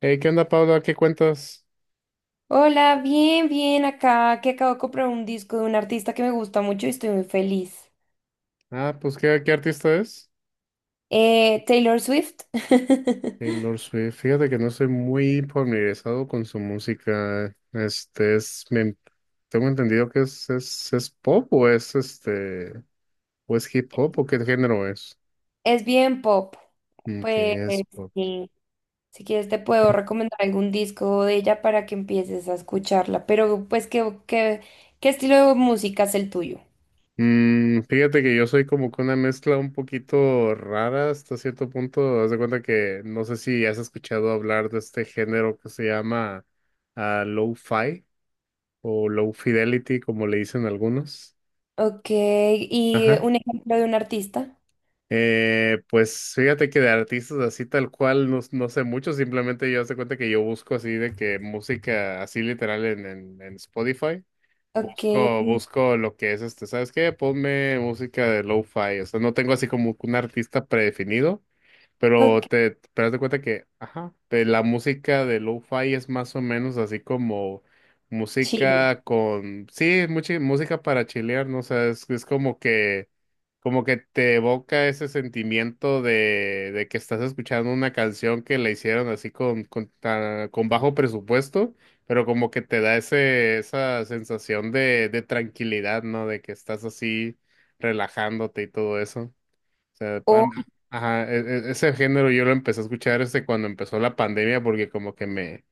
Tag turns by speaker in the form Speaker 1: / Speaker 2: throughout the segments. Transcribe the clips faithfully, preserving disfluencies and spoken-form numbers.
Speaker 1: Hey, ¿qué onda, Paula? ¿Qué cuentas?
Speaker 2: Hola, bien, bien, acá que acabo de comprar un disco de un artista que me gusta mucho y estoy muy feliz.
Speaker 1: Ah, pues, ¿qué, qué artista es?
Speaker 2: Eh, Taylor Swift.
Speaker 1: Taylor Swift. Fíjate que no soy muy familiarizado con su música. Este es, me- tengo entendido que es, es, es pop o es este, o es hip hop o qué género es.
Speaker 2: Es bien pop. Pues
Speaker 1: Que es pop.
Speaker 2: sí, si quieres te puedo recomendar algún disco de ella para que empieces a escucharla. Pero pues, ¿qué, qué, qué estilo de música es el tuyo?
Speaker 1: Mm, fíjate que yo soy como que una mezcla un poquito rara hasta cierto punto. Haz de cuenta que no sé si has escuchado hablar de este género que se llama low lo-fi, o low fidelity, como le dicen algunos.
Speaker 2: Ok, y
Speaker 1: Ajá.
Speaker 2: un ejemplo de un artista.
Speaker 1: Eh, pues fíjate que de artistas así tal cual no, no sé mucho, simplemente yo hace cuenta que yo busco así de que música así literal en, en, en Spotify.
Speaker 2: Ok,
Speaker 1: Busco, busco lo que es este, ¿sabes qué? Ponme música de lo-fi, o sea, no tengo así como un artista predefinido. Pero
Speaker 2: ok,
Speaker 1: te, pero haz de cuenta que, ajá, eh, la música de lo-fi es más o menos así como
Speaker 2: chido.
Speaker 1: música con, sí, mucha música para chilear, ¿no? O sea, es, es como que, como que te evoca ese sentimiento de, de que estás escuchando una canción que la hicieron así con, con, ta- con bajo presupuesto, pero como que te da ese, esa sensación de, de tranquilidad, ¿no? De que estás así relajándote y todo eso. O sea, pa-
Speaker 2: Ok.
Speaker 1: ajá, e- e- ese género yo lo empecé a escuchar desde cuando empezó la pandemia porque como que me,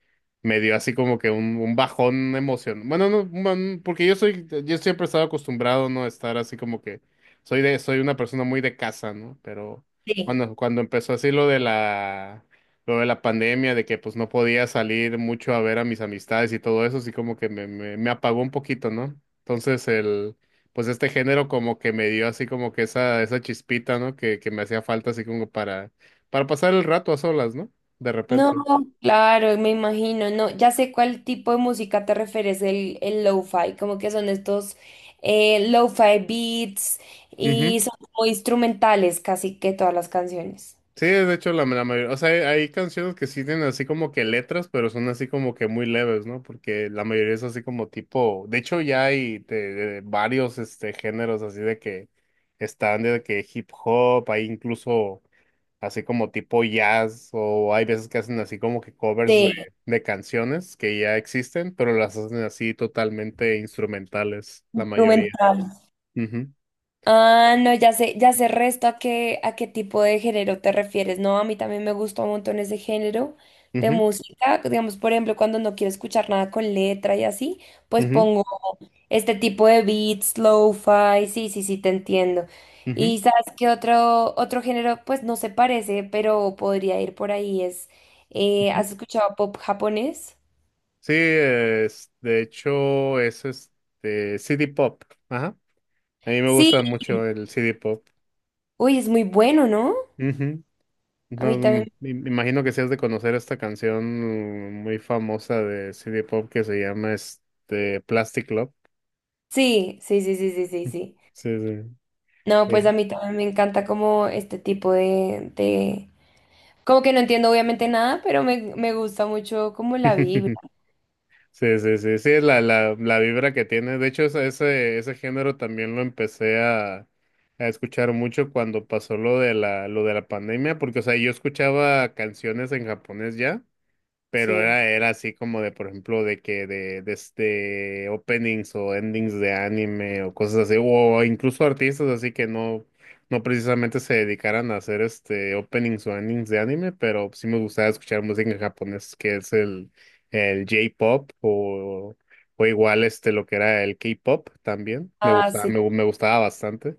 Speaker 1: me dio así como que un, un bajón emocional. Bueno, no, un bajón, porque yo soy, yo siempre he estado acostumbrado, ¿no? A estar así como que soy de, soy una persona muy de casa, ¿no? Pero cuando, cuando empezó así lo de la, lo de la pandemia, de que pues no podía salir mucho a ver a mis amistades y todo eso, así como que me, me, me apagó un poquito, ¿no? Entonces el pues este género como que me dio así como que esa, esa chispita, ¿no? Que, que me hacía falta así como para, para pasar el rato a solas, ¿no? De
Speaker 2: No,
Speaker 1: repente.
Speaker 2: claro, me imagino, no, ya sé cuál tipo de música te refieres, el, el lo-fi, como que son estos eh, lo-fi beats
Speaker 1: Ujú.
Speaker 2: y son como instrumentales casi que todas las canciones.
Speaker 1: Sí, de hecho la, la mayoría, o sea, hay, hay canciones que sí tienen así como que letras, pero son así como que muy leves, ¿no? Porque la mayoría es así como tipo, de hecho ya hay de- de varios este géneros así de que están de que hip hop, hay incluso así como tipo jazz, o hay veces que hacen así como que covers de,
Speaker 2: Sí,
Speaker 1: de canciones que ya existen, pero las hacen así totalmente instrumentales, la mayoría.
Speaker 2: instrumental.
Speaker 1: Ujú,
Speaker 2: Ah, no, ya sé, ya sé resto a qué, a qué tipo de género te refieres, no, a mí también me gusta un montón ese género de
Speaker 1: ujú,
Speaker 2: música, digamos, por ejemplo, cuando no quiero escuchar nada con letra y así, pues
Speaker 1: ujú,
Speaker 2: pongo este tipo de beats, lo-fi, sí, sí, sí, te entiendo.
Speaker 1: ujú,
Speaker 2: Y sabes que otro, otro género, pues no se parece, pero podría ir por ahí, es, eh,
Speaker 1: ujú.
Speaker 2: ¿has escuchado pop japonés?
Speaker 1: Sí, es- de hecho es este C D Pop. Ajá. A mí me
Speaker 2: Sí,
Speaker 1: gusta mucho el C D Pop.
Speaker 2: uy, es muy bueno, ¿no?
Speaker 1: Ujú.
Speaker 2: A
Speaker 1: No,
Speaker 2: mí también.
Speaker 1: mm, me me imagino que sí has de conocer esta canción muy famosa de C D Pop que se llama este Plastic Love.
Speaker 2: Sí, sí, sí, sí, sí, sí, sí.
Speaker 1: Sí, sí,
Speaker 2: No, pues
Speaker 1: sí.
Speaker 2: a mí también me encanta como este tipo de, de... Como que no entiendo obviamente nada, pero me, me gusta mucho como la vibra,
Speaker 1: Sí, sí, sí, sí, es la, la, la vibra que tiene. De hecho, ese, ese, ese género también lo empecé a, a escuchar mucho cuando pasó lo de la, lo de la pandemia, porque, o sea, yo escuchaba canciones en japonés ya, pero
Speaker 2: sí.
Speaker 1: era, era así como de, por ejemplo, de que de, de este openings o endings de anime o cosas así, o incluso artistas así que no, no precisamente se dedicaran a hacer este openings o endings de anime, pero sí me gustaba escuchar música en japonés, que es el, el J-pop o, o igual este lo que era el K-pop también. Me
Speaker 2: Ah,
Speaker 1: gustaba,
Speaker 2: sí.
Speaker 1: me, me gustaba bastante.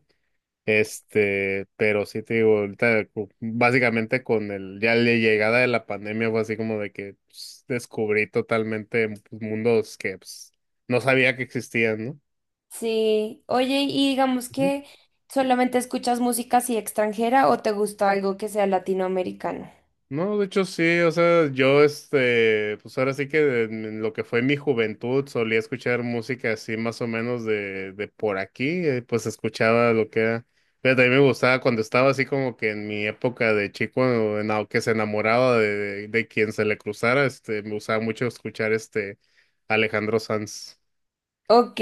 Speaker 1: Este, pero sí te digo, ahorita cu- básicamente con el, ya la llegada de la pandemia fue así como de que pues, descubrí totalmente pues, mundos que pues, no sabía que existían,
Speaker 2: Sí, oye, y digamos
Speaker 1: ¿no?
Speaker 2: que solamente escuchas música así extranjera o te gusta algo que sea latinoamericano.
Speaker 1: No, de hecho sí, o sea, yo este, pues ahora sí que en en lo que fue mi juventud solía escuchar música así más o menos de, de por aquí, eh, pues escuchaba lo que era, pero también me gustaba cuando estaba así como que en mi época de chico, en la que se enamoraba de, de, de quien se le cruzara, este, me gustaba mucho escuchar este Alejandro Sanz.
Speaker 2: Ok,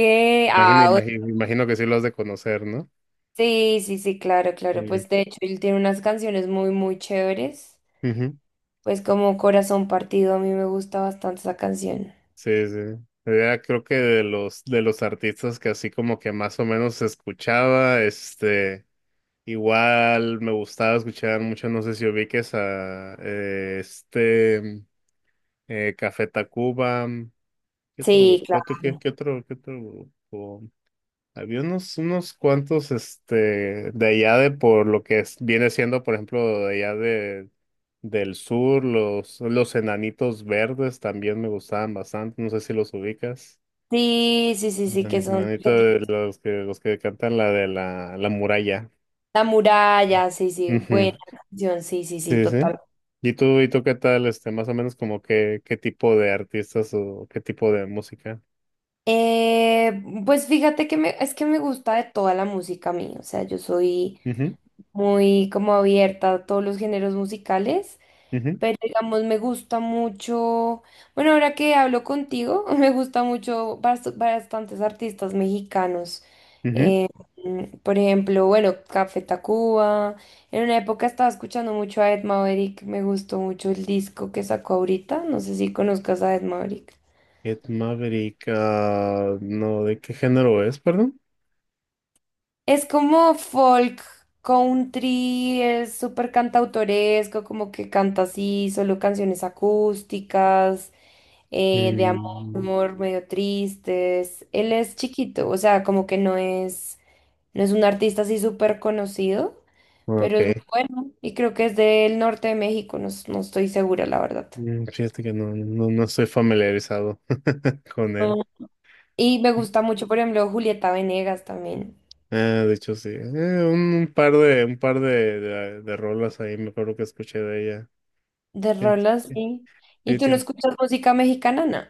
Speaker 1: Imagino,
Speaker 2: ah, o-
Speaker 1: imagino, imagino que sí lo has de conocer, ¿no?
Speaker 2: sí, sí, sí, claro, claro. Pues de hecho, él tiene unas canciones muy, muy chéveres.
Speaker 1: Sí.
Speaker 2: Pues como Corazón Partido, a mí me gusta bastante esa canción.
Speaker 1: Sí, sí. Era creo que de los de los artistas que así como que más o menos escuchaba, este, igual me gustaba escuchar mucho, no sé si ubiques a eh, este eh, Café Tacuba, ¿qué otro grupo?
Speaker 2: Sí,
Speaker 1: ¿Qué, otro- qué,
Speaker 2: claro.
Speaker 1: qué otro qué otro grupo? Había unos unos cuantos este de allá de por lo que es- viene siendo, por ejemplo, de allá de del sur, los los Enanitos Verdes también me gustaban bastante, no sé si los ubicas.
Speaker 2: Sí, sí, sí, sí,
Speaker 1: El
Speaker 2: que son
Speaker 1: enanito de
Speaker 2: argentinos.
Speaker 1: los que, los que cantan la de la, la muralla.
Speaker 2: La muralla, sí, sí, buena
Speaker 1: Ujú.
Speaker 2: canción, sí, sí, sí,
Speaker 1: Sí, sí.
Speaker 2: total.
Speaker 1: ¿Y tú, y tú qué tal, este, más o menos como qué, qué tipo de artistas o qué tipo de música?
Speaker 2: Eh, pues fíjate que me, es que me gusta de toda la música a mí, o sea, yo soy
Speaker 1: Ujú,
Speaker 2: muy como abierta a todos los géneros musicales,
Speaker 1: ujú,
Speaker 2: pero digamos me gusta mucho, bueno, ahora que hablo contigo, me gusta mucho bast- bastantes artistas mexicanos.
Speaker 1: ujú.
Speaker 2: Eh, mm, por ejemplo, bueno, Café Tacuba. En una época estaba escuchando mucho a Ed Maverick, me gustó mucho el disco que sacó ahorita, no sé si conozcas a Ed Maverick.
Speaker 1: Ed Maverick, ah, no, ¿de qué género es, perdón?
Speaker 2: Es como folk country, es súper cantautoresco, como que canta así, solo canciones acústicas, eh, de
Speaker 1: Mm,
Speaker 2: amor, medio tristes. Él es chiquito, o sea, como que no es, no es un artista así súper conocido, pero es muy
Speaker 1: ok.
Speaker 2: bueno y creo que es del norte de México, no, s- no estoy segura, la verdad.
Speaker 1: Mm, fíjate que no, no, no estoy familiarizado con
Speaker 2: Ah.
Speaker 1: él.
Speaker 2: Y me gusta mucho, por ejemplo, Julieta Venegas también,
Speaker 1: Ah, de hecho, sí. Eh, un, un par de, un par de, de, de rolas ahí me acuerdo que escuché de ella.
Speaker 2: de
Speaker 1: Tiene,
Speaker 2: rolas, sí. ¿Y
Speaker 1: sí,
Speaker 2: tú no
Speaker 1: tiene.
Speaker 2: escuchas música mexicana, no?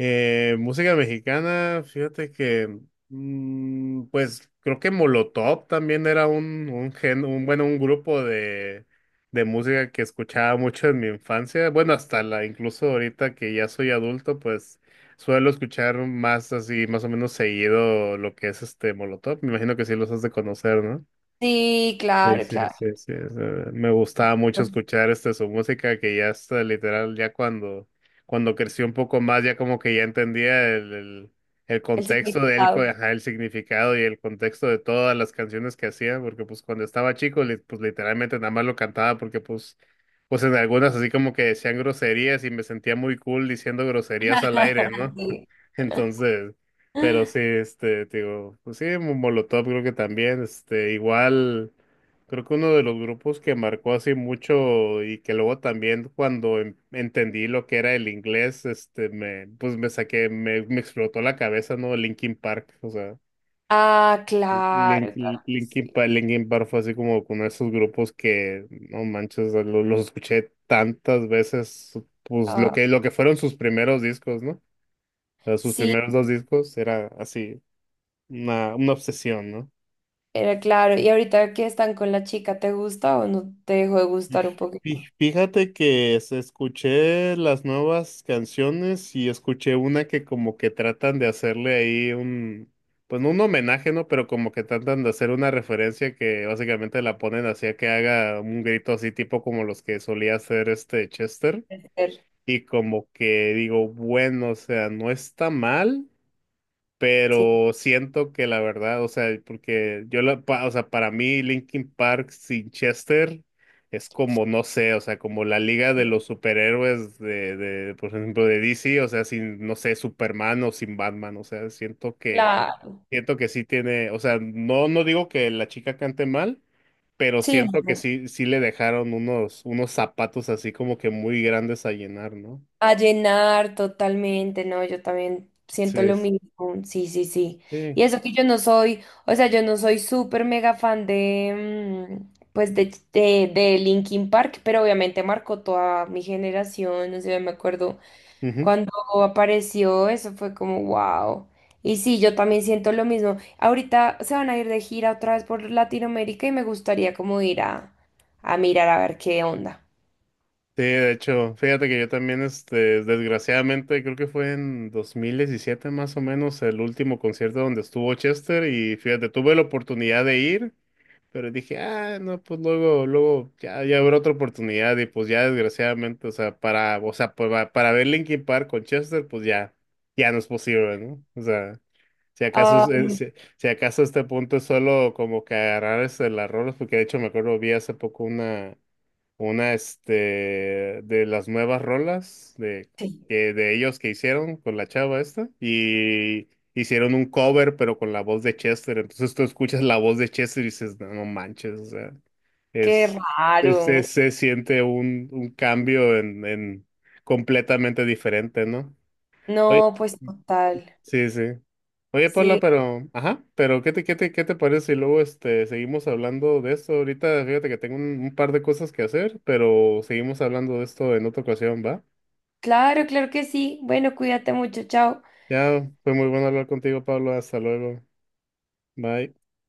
Speaker 1: Eh, música mexicana, fíjate que, mm, pues creo que Molotov también era un, un gen, un, bueno, un grupo de, de música que escuchaba mucho en mi infancia. Bueno, hasta la, incluso ahorita que ya soy adulto, pues suelo escuchar más así, más o menos seguido lo que es este Molotov. Me imagino que sí los has de conocer, ¿no?
Speaker 2: Sí,
Speaker 1: Sí,
Speaker 2: claro,
Speaker 1: sí,
Speaker 2: claro.
Speaker 1: sí, sí, o sea, me gustaba mucho escuchar este, su música que ya está literal, ya cuando, cuando creció un poco más, ya como que ya entendía el, el, el
Speaker 2: El
Speaker 1: contexto de él, co-
Speaker 2: significado.
Speaker 1: ajá, el significado y el contexto de todas las canciones que hacía, porque pues cuando estaba chico, li- pues literalmente nada más lo cantaba, porque pues, pues en algunas así como que decían groserías y me sentía muy cool diciendo groserías al aire, ¿no?
Speaker 2: Sí.
Speaker 1: Entonces, pero sí, este, te digo, pues sí, Molotov creo que también, este, igual. Creo que uno de los grupos que marcó así mucho y que luego también cuando en- entendí lo que era el inglés, este, me, pues me saqué, me, me explotó la cabeza, ¿no? Linkin Park, o sea,
Speaker 2: Ah,
Speaker 1: Link-
Speaker 2: claro, claro que
Speaker 1: Linkin
Speaker 2: sí.
Speaker 1: Park, Linkin Park fue así como uno de esos grupos que, no manches, o lo- los, escuché tantas veces, pues lo
Speaker 2: Ah,
Speaker 1: que, lo que fueron sus primeros discos, ¿no? O sea, sus
Speaker 2: sí,
Speaker 1: primeros dos discos era así, una, una obsesión, ¿no?
Speaker 2: era claro. Y ahorita que están con la chica, ¿te gusta o no te dejó de
Speaker 1: Y
Speaker 2: gustar un poquito?
Speaker 1: fí- fíjate que se- escuché las nuevas canciones y escuché una que como que tratan de hacerle ahí un, pues no un homenaje, ¿no? Pero como que tratan de hacer una referencia que básicamente la ponen así a que haga un grito así tipo como los que solía hacer este Chester.
Speaker 2: Puede ser.
Speaker 1: Y como que digo, bueno, o sea, no está mal
Speaker 2: Sí,
Speaker 1: pero siento que la verdad, o sea, porque yo la, pa- o sea, para mí Linkin Park sin Chester es como, no sé, o sea, como la liga de los superhéroes de, de, por ejemplo, de D C, o sea, sin, no sé, Superman o sin Batman, o sea, siento que,
Speaker 2: claro.
Speaker 1: siento que sí tiene, o sea, no, no digo que la chica cante mal, pero
Speaker 2: Sí,
Speaker 1: siento que
Speaker 2: no.
Speaker 1: sí, sí le dejaron unos, unos zapatos así como que muy grandes a llenar, ¿no?
Speaker 2: A llenar totalmente, no, yo también siento lo
Speaker 1: Entonces,
Speaker 2: mismo, sí, sí, sí.
Speaker 1: sí.
Speaker 2: Y eso que yo no soy, o sea, yo no soy súper mega fan de, mm, pues, de, de, de Linkin Park, pero obviamente marcó toda mi generación, no sé, me acuerdo cuando apareció, eso fue como, wow. Y sí, yo también siento lo mismo. Ahorita se van a ir de gira otra vez por Latinoamérica y me gustaría como ir a, a mirar a ver qué onda.
Speaker 1: Sí, de hecho, fíjate que yo también, este, desgraciadamente, creo que fue en dos mil diecisiete más o menos el último concierto donde estuvo Chester y fíjate, tuve la oportunidad de ir, pero dije, ah, no, pues luego, luego ya, ya habrá otra oportunidad y pues ya desgraciadamente, o sea, para, o sea, para, para ver Linkin Park con Chester, pues ya, ya no es posible, ¿no? O sea, si acaso, es- eh,
Speaker 2: Ay,
Speaker 1: si, si acaso este punto es solo como que agarrar este, las rolas, porque de hecho me acuerdo, vi hace poco una una, este, de las nuevas rolas de,
Speaker 2: sí,
Speaker 1: que- de ellos que hicieron con la chava esta. Y hicieron un cover, pero con la voz de Chester. Entonces tú escuchas la voz de Chester y dices, no, no manches, o sea,
Speaker 2: qué
Speaker 1: es, es-
Speaker 2: raro.
Speaker 1: es- se siente un, un cambio en, en completamente diferente, ¿no? Oye.
Speaker 2: No, pues total.
Speaker 1: Sí, sí. Oye, Paula,
Speaker 2: Sí,
Speaker 1: pero, ajá, pero ¿qué te, qué te, qué te parece si luego este, seguimos hablando de esto? Ahorita fíjate que tengo un, un par de cosas que hacer, pero seguimos hablando de esto en otra ocasión, ¿va?
Speaker 2: claro, claro que sí. Bueno, cuídate mucho, chao.
Speaker 1: Ya fue muy bueno hablar contigo, Pablo. Hasta luego. Bye.